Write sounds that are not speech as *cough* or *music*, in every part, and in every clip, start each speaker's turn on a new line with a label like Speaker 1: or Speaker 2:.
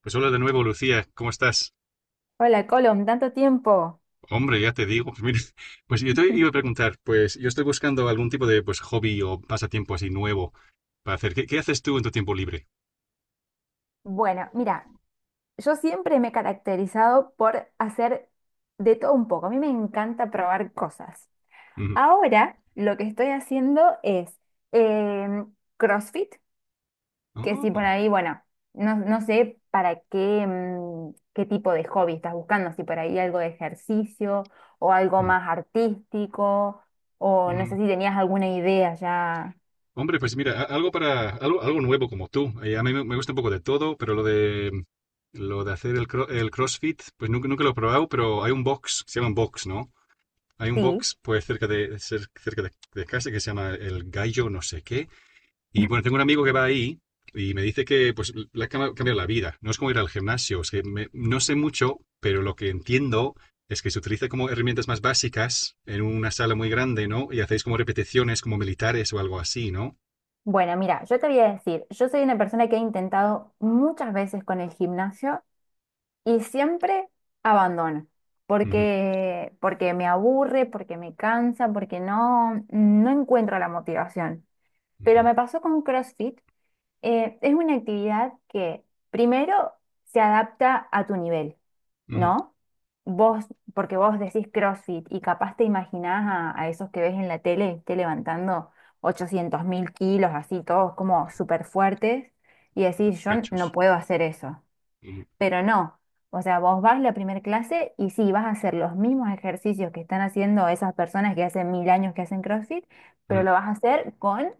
Speaker 1: Pues hola de nuevo, Lucía, ¿cómo estás?
Speaker 2: Hola, Colom, tanto tiempo.
Speaker 1: Hombre, ya te digo, pues mira, *laughs* pues yo te iba a preguntar, pues yo estoy buscando algún tipo de pues hobby o pasatiempo así nuevo para hacer. ¿Qué, qué haces tú en tu tiempo libre?
Speaker 2: Bueno, mira, yo siempre me he caracterizado por hacer de todo un poco. A mí me encanta probar cosas.
Speaker 1: Ujú.
Speaker 2: Ahora lo que estoy haciendo es eh, CrossFit, que si por
Speaker 1: Oh,
Speaker 2: ahí, bueno, no, no sé para qué, qué tipo de hobby estás buscando, si por ahí algo de ejercicio o algo
Speaker 1: mm,
Speaker 2: más artístico, o no sé
Speaker 1: mm.
Speaker 2: si tenías alguna idea ya.
Speaker 1: Hombre, pues mira, algo para algo, algo nuevo como tú. A mí me gusta un poco de todo, pero lo de hacer el CrossFit, pues nunca, nunca lo he probado, pero hay un box, se llama un box, ¿no? Hay un
Speaker 2: Sí.
Speaker 1: box pues cerca de cerca de casa que se llama el Gallo no sé qué. Y bueno, tengo un amigo que va ahí y me dice que pues le ha cambiado la vida. No es como ir al gimnasio, es que no sé mucho, pero lo que entiendo es que se utiliza como herramientas más básicas en una sala muy grande, ¿no? Y hacéis como repeticiones como militares o algo así, ¿no?
Speaker 2: Bueno, mira, yo te voy a decir, yo soy una persona que he intentado muchas veces con el gimnasio y siempre abandono,
Speaker 1: Ujú,
Speaker 2: porque me aburre, porque me cansa, porque no encuentro la motivación. Pero
Speaker 1: ujú,
Speaker 2: me pasó con CrossFit. Es una actividad que primero se adapta a tu nivel,
Speaker 1: ujú.
Speaker 2: ¿no? Vos, porque vos decís CrossFit y capaz te imaginás a esos que ves en la tele, esté levantando 800.000 kilos, así todos como súper fuertes, y
Speaker 1: Súper
Speaker 2: decís, yo no
Speaker 1: Cachos.
Speaker 2: puedo hacer eso.
Speaker 1: Ujú,
Speaker 2: Pero no, o sea, vos vas la primera clase y sí, vas a hacer los mismos ejercicios que están haciendo esas personas que hace mil años que hacen CrossFit, pero
Speaker 1: ujú,
Speaker 2: lo vas a hacer con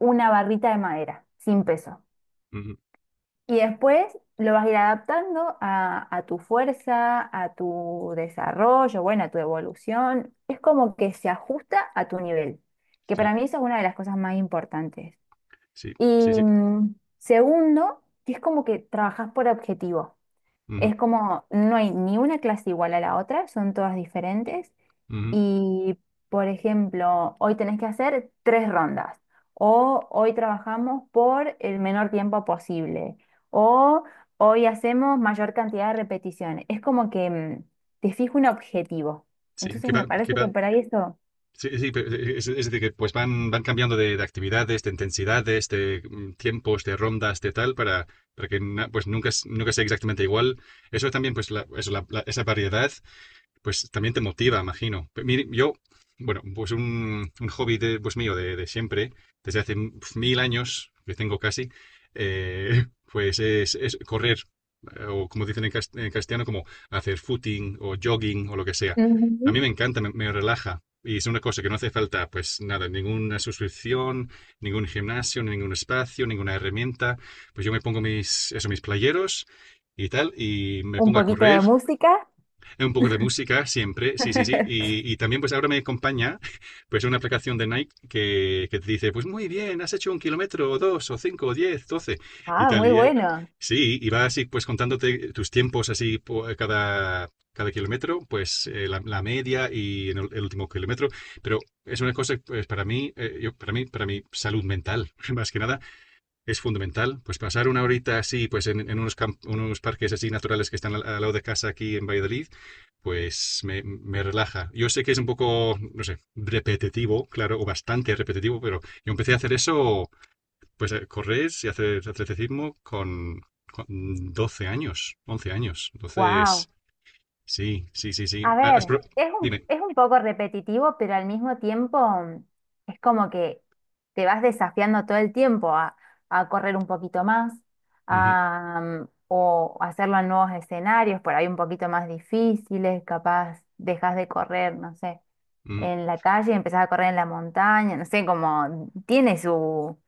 Speaker 2: una barrita de madera, sin peso.
Speaker 1: ujú.
Speaker 2: Y después lo vas a ir adaptando a tu fuerza, a tu desarrollo, bueno, a tu evolución. Es como que se ajusta a tu nivel, que
Speaker 1: Sí,
Speaker 2: para mí eso es una de las cosas más importantes.
Speaker 1: sí,
Speaker 2: Y
Speaker 1: sí, sí.
Speaker 2: mm, segundo, que es como que trabajas por objetivo.
Speaker 1: Ujú,
Speaker 2: Es como no hay ni una clase igual a la otra, son todas diferentes.
Speaker 1: ujú.
Speaker 2: Y, por ejemplo, hoy tenés que hacer tres rondas. O hoy trabajamos por el menor tiempo posible. O hoy hacemos mayor cantidad de repeticiones. Es como que te fijo un objetivo.
Speaker 1: Sí, que
Speaker 2: Entonces
Speaker 1: va,
Speaker 2: me
Speaker 1: que
Speaker 2: parece
Speaker 1: va.
Speaker 2: que por ahí eso.
Speaker 1: Sí, sí, pero es decir, que pues van, van cambiando de actividades, de intensidades, de este, tiempos, de rondas, de tal, para que pues nunca, nunca sea exactamente igual. Eso también, pues la, eso, esa variedad pues también te motiva, imagino. Mire, yo, bueno, pues un hobby de, pues mío de siempre, desde hace pf, mil años, que tengo casi, eh, *laughs* pues es correr, o como dicen en, en castellano, como hacer footing o jogging o lo que sea. A
Speaker 2: Ujú.
Speaker 1: mí me encanta, me relaja. Y es una cosa que no hace falta, pues nada, ninguna suscripción, ningún gimnasio, ningún espacio, ninguna herramienta. Pues yo me pongo mis, eso, mis playeros y tal, y me
Speaker 2: Un
Speaker 1: pongo a
Speaker 2: poquito de
Speaker 1: correr
Speaker 2: música.
Speaker 1: un poco de música siempre, sí, sí, sí.
Speaker 2: *laughs*
Speaker 1: Y también pues ahora me acompaña *laughs* pues una aplicación de Nike que te dice, pues muy bien, has hecho un kilómetro o dos o cinco o diez, doce y
Speaker 2: Ah,
Speaker 1: tal.
Speaker 2: muy
Speaker 1: Y,
Speaker 2: bueno.
Speaker 1: sí, y va así pues contándote tus tiempos así por cada, cada kilómetro, pues la, la, media y en el, último kilómetro. Pero es una cosa pues para mí, yo, para mí, para mi salud mental, *laughs* más que nada, es fundamental. Pues pasar una horita así, pues en unos, unos parques así naturales que están al, al lado de casa aquí en Valladolid, pues me relaja. Yo sé que es un poco, no sé, repetitivo, claro, o bastante repetitivo, pero yo empecé a hacer eso, pues a correr y hacer atletismo con 12 años, 11 años. Entonces,
Speaker 2: Wow.
Speaker 1: sí, sí, sí, sí.
Speaker 2: A
Speaker 1: Ah, has
Speaker 2: ver,
Speaker 1: dime.
Speaker 2: es un poco repetitivo, pero al mismo tiempo es como que te vas desafiando todo el tiempo a correr un poquito más,
Speaker 1: Ujú,
Speaker 2: o hacerlo en nuevos escenarios, por ahí un poquito más difíciles, capaz dejas de correr, no sé,
Speaker 1: ujú.
Speaker 2: en la calle, y empezás a correr en la montaña, no sé, como tiene su...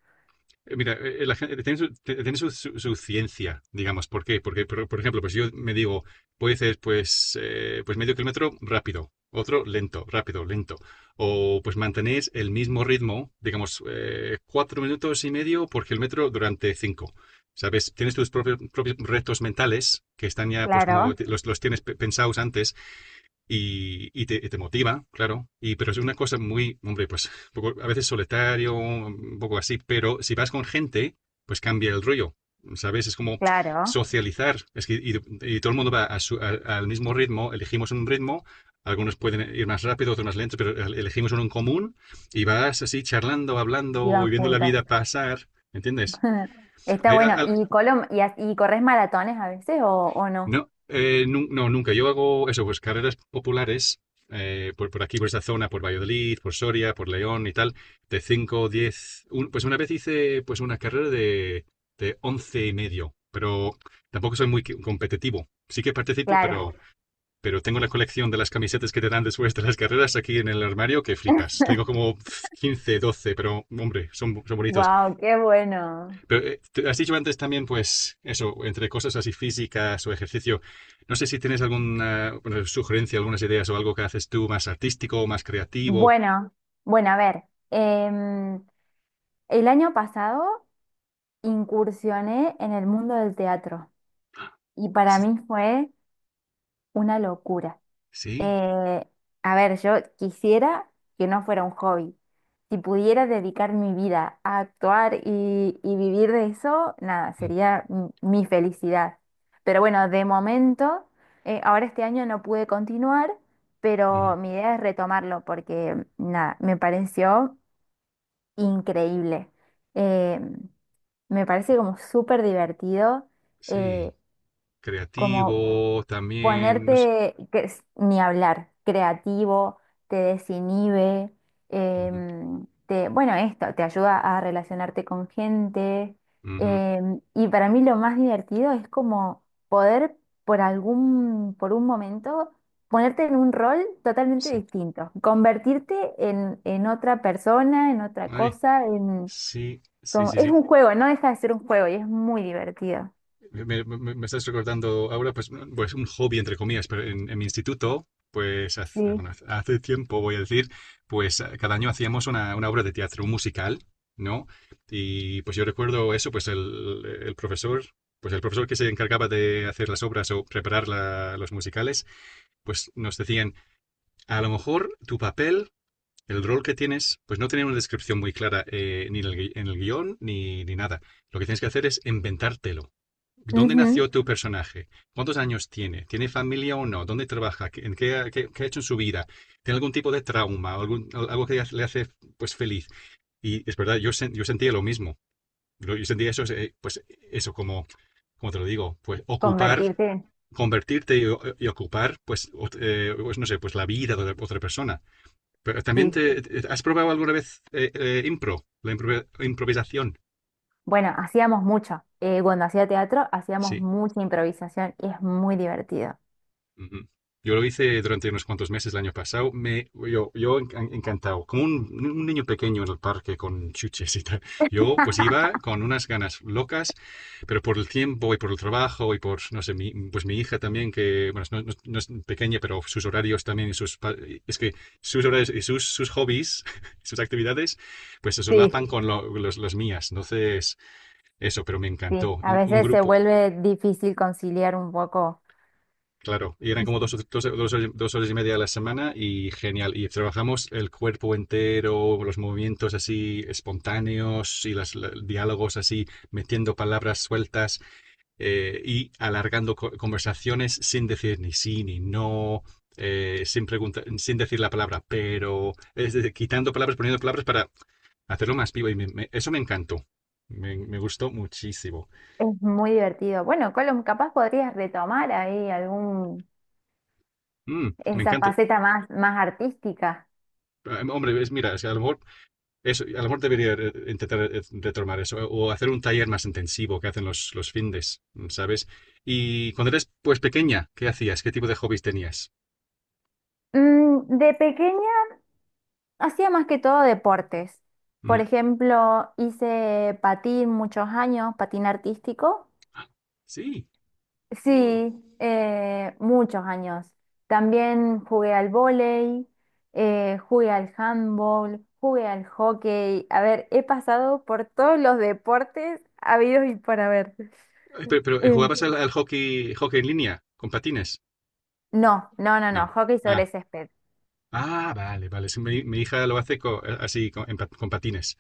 Speaker 1: Mira, la gente tiene, su, tiene su ciencia, digamos. ¿Por qué? Porque, por ejemplo, pues yo me digo, puede ser pues, pues medio kilómetro rápido, otro lento, rápido, lento. O pues mantenéis el mismo ritmo, digamos, cuatro minutos y medio por kilómetro durante cinco. ¿Sabes? Tienes tus propios, propios retos mentales que están ya, pues como
Speaker 2: Claro,
Speaker 1: los tienes pensados antes y te motiva, claro. Y, pero es una cosa muy, hombre, pues un poco, a veces solitario, un poco así, pero si vas con gente, pues cambia el rollo, ¿sabes? Es como
Speaker 2: claro.
Speaker 1: socializar. Es que, y todo el mundo va a al mismo ritmo, elegimos un ritmo, algunos pueden ir más rápido, otros más lentos, pero elegimos uno en común y vas así charlando, hablando y
Speaker 2: Iban
Speaker 1: viendo la
Speaker 2: juntos.
Speaker 1: vida pasar, ¿entiendes?
Speaker 2: *laughs* Está
Speaker 1: Hay
Speaker 2: bueno. ¿Y, Colom, y corres maratones a veces o no?
Speaker 1: no, no, nunca. Yo hago eso, pues carreras populares por aquí, por esta zona, por Valladolid, por Soria, por León y tal, de 5 10. Pues una vez hice pues una carrera de 11 y medio, pero tampoco soy muy competitivo. Sí que participo,
Speaker 2: Claro.
Speaker 1: pero tengo la colección de las camisetas que te dan después de las carreras aquí en el armario que flipas. Tengo como 15 12 pero hombre, son, son bonitos.
Speaker 2: Wow, qué bueno.
Speaker 1: Pero has dicho antes también, pues, eso, entre cosas así físicas o ejercicio, no sé si tienes alguna bueno, sugerencia, algunas ideas o algo que haces tú más artístico, más creativo.
Speaker 2: Bueno, bueno, a ver, em, el año pasado incursioné en el mundo del teatro y para
Speaker 1: Sí,
Speaker 2: mí fue una locura.
Speaker 1: sí,
Speaker 2: Eh, a ver, yo quisiera que no fuera un hobby. Si pudiera dedicar mi vida a actuar y vivir de eso, nada,
Speaker 1: mm,
Speaker 2: sería mi felicidad. Pero bueno, de momento, ahora este año no pude continuar,
Speaker 1: mm,
Speaker 2: pero mi idea es retomarlo porque, nada, me pareció increíble. Eh, Me parece como súper divertido, eh,
Speaker 1: sí,
Speaker 2: como
Speaker 1: creativo también, no sé.
Speaker 2: ponerte, que, ni hablar, creativo, te desinhibe,
Speaker 1: Ujú,
Speaker 2: te, bueno, esto, te ayuda a relacionarte con gente.
Speaker 1: ujú,
Speaker 2: Y para mí lo más divertido es como poder por algún, por un momento, ponerte en un rol totalmente
Speaker 1: sí,
Speaker 2: distinto, convertirte en otra persona, en otra
Speaker 1: ay,
Speaker 2: cosa, en,
Speaker 1: sí, sí,
Speaker 2: como,
Speaker 1: sí,
Speaker 2: es
Speaker 1: sí.
Speaker 2: un juego, no deja de ser un juego y es muy divertido.
Speaker 1: Me estás recordando ahora, pues, pues un hobby entre comillas, pero en mi instituto, pues hace,
Speaker 2: Sí.
Speaker 1: bueno, hace tiempo voy a decir, pues cada año hacíamos una obra de teatro, un musical, ¿no? Y pues yo recuerdo eso, pues el profesor, pues el profesor que se encargaba de hacer las obras o preparar los musicales, pues nos decían, a lo mejor tu papel, el rol que tienes, pues no tenía una descripción muy clara ni en el, en el guión ni, ni nada. Lo que tienes que hacer es inventártelo. ¿Dónde
Speaker 2: Ujú,
Speaker 1: nació tu personaje? ¿Cuántos años tiene? ¿Tiene familia o no? ¿Dónde trabaja? En qué, qué ha hecho en su vida? ¿Tiene algún tipo de trauma? Algo que le hace pues, feliz? Y es verdad, yo, yo sentía lo mismo. Yo sentía eso, pues eso como, como te lo digo, pues ocupar,
Speaker 2: convertirte,
Speaker 1: convertirte y, y ocupar, pues, pues, no sé, pues la vida de otra persona. Pero también
Speaker 2: sí.
Speaker 1: te, ¿has probado alguna vez improvisación?
Speaker 2: Bueno, hacíamos mucho. Cuando hacía teatro, hacíamos
Speaker 1: Sí.
Speaker 2: mucha improvisación y es muy divertido.
Speaker 1: Ujú. Yo lo hice durante unos cuantos meses el año pasado. Me, yo encantado, como un niño pequeño en el parque con chuches y tal. Yo pues iba con unas ganas locas, pero por el tiempo y por el trabajo y por, no sé, mi, pues mi hija también, que, bueno, no, no es pequeña, pero sus horarios también y sus, es que sus horarios y sus, sus hobbies, *laughs* sus actividades, pues se
Speaker 2: Sí,
Speaker 1: solapan con los, las mías. Entonces, eso, pero me
Speaker 2: sí,
Speaker 1: encantó.
Speaker 2: a
Speaker 1: Un
Speaker 2: veces se
Speaker 1: grupo.
Speaker 2: vuelve difícil conciliar un poco.
Speaker 1: Claro, y eran como dos, dos, dos horas y media a la semana y genial. Y trabajamos el cuerpo entero, los movimientos así espontáneos y los diálogos así, metiendo palabras sueltas y alargando conversaciones sin decir ni sí ni no, sin sin decir la palabra pero, es decir, quitando palabras, poniendo palabras para hacerlo más vivo. Y eso me encantó, me gustó muchísimo.
Speaker 2: Es muy divertido. Bueno, Colum, capaz podrías retomar ahí algún,
Speaker 1: Mm, me
Speaker 2: esa
Speaker 1: encanta.
Speaker 2: faceta más, más artística.
Speaker 1: Ah, hombre, es, mira, es que a lo mejor eso, a lo mejor debería intentar retomar eso o hacer un taller más intensivo que hacen los findes, ¿sabes? Y cuando eres pues pequeña, ¿qué hacías? ¿Qué tipo de hobbies tenías?
Speaker 2: Mm, de pequeña hacía más que todo deportes. Por
Speaker 1: Mm.
Speaker 2: ejemplo, hice patín muchos años, patín artístico.
Speaker 1: Ah, sí. Mm.
Speaker 2: Sí, muchos años. También jugué al vóley, jugué al handball, jugué al hockey. A ver, he pasado por todos los deportes habidos y por haber.
Speaker 1: Ay, pero,
Speaker 2: Eh,
Speaker 1: ¿jugabas al, al hockey, hockey en línea con patines?
Speaker 2: No, no, no, no,
Speaker 1: No.
Speaker 2: hockey
Speaker 1: Ah,
Speaker 2: sobre césped.
Speaker 1: ah, vale, vale. Sí, mi hija lo hace así con, en con patines.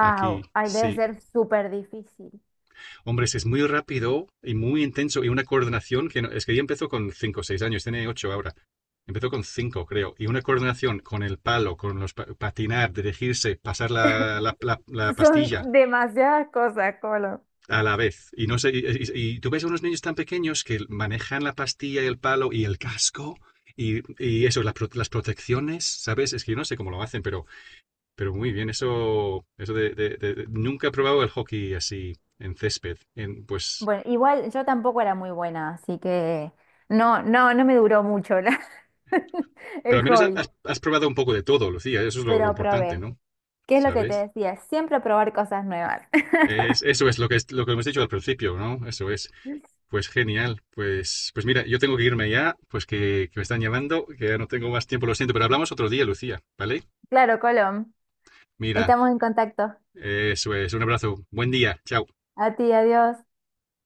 Speaker 1: Aquí,
Speaker 2: ay, debe
Speaker 1: sí.
Speaker 2: ser súper difícil.
Speaker 1: Hombre, es muy rápido y muy intenso y una coordinación que es que ya empezó con 5 o 6 años, tiene 8 ahora. Empezó con 5, creo. Y una coordinación con el palo, con los patinar, dirigirse, pasar la, la
Speaker 2: *laughs* Son
Speaker 1: pastilla
Speaker 2: demasiadas cosas, Colo.
Speaker 1: a la vez. Y no sé, y, y tú ves a unos niños tan pequeños que manejan la pastilla y el palo y el casco y eso, la las protecciones, ¿sabes? Es que yo no sé cómo lo hacen, pero muy bien. Eso de, nunca he probado el hockey así en césped. En, pues
Speaker 2: Bueno, igual yo tampoco era muy buena, así que no, no, no me duró mucho la- *laughs*
Speaker 1: pero
Speaker 2: el
Speaker 1: al menos
Speaker 2: hobby,
Speaker 1: has, has probado un poco de todo, Lucía. Eso es lo
Speaker 2: pero
Speaker 1: importante,
Speaker 2: probé.
Speaker 1: ¿no?
Speaker 2: ¿Qué es lo que te
Speaker 1: ¿Sabes?
Speaker 2: decía? Siempre probar cosas nuevas. *laughs*
Speaker 1: Eso es lo que, lo que hemos dicho al principio, ¿no? Eso es. Pues genial. Pues, pues mira, yo tengo que irme ya, pues que me están llamando, que ya no tengo más tiempo, lo siento, pero hablamos otro día, Lucía, ¿vale?
Speaker 2: Claro, Colom.
Speaker 1: Mira,
Speaker 2: Estamos en contacto.
Speaker 1: eso es. Un abrazo. Buen día. Chao.
Speaker 2: A ti, adiós.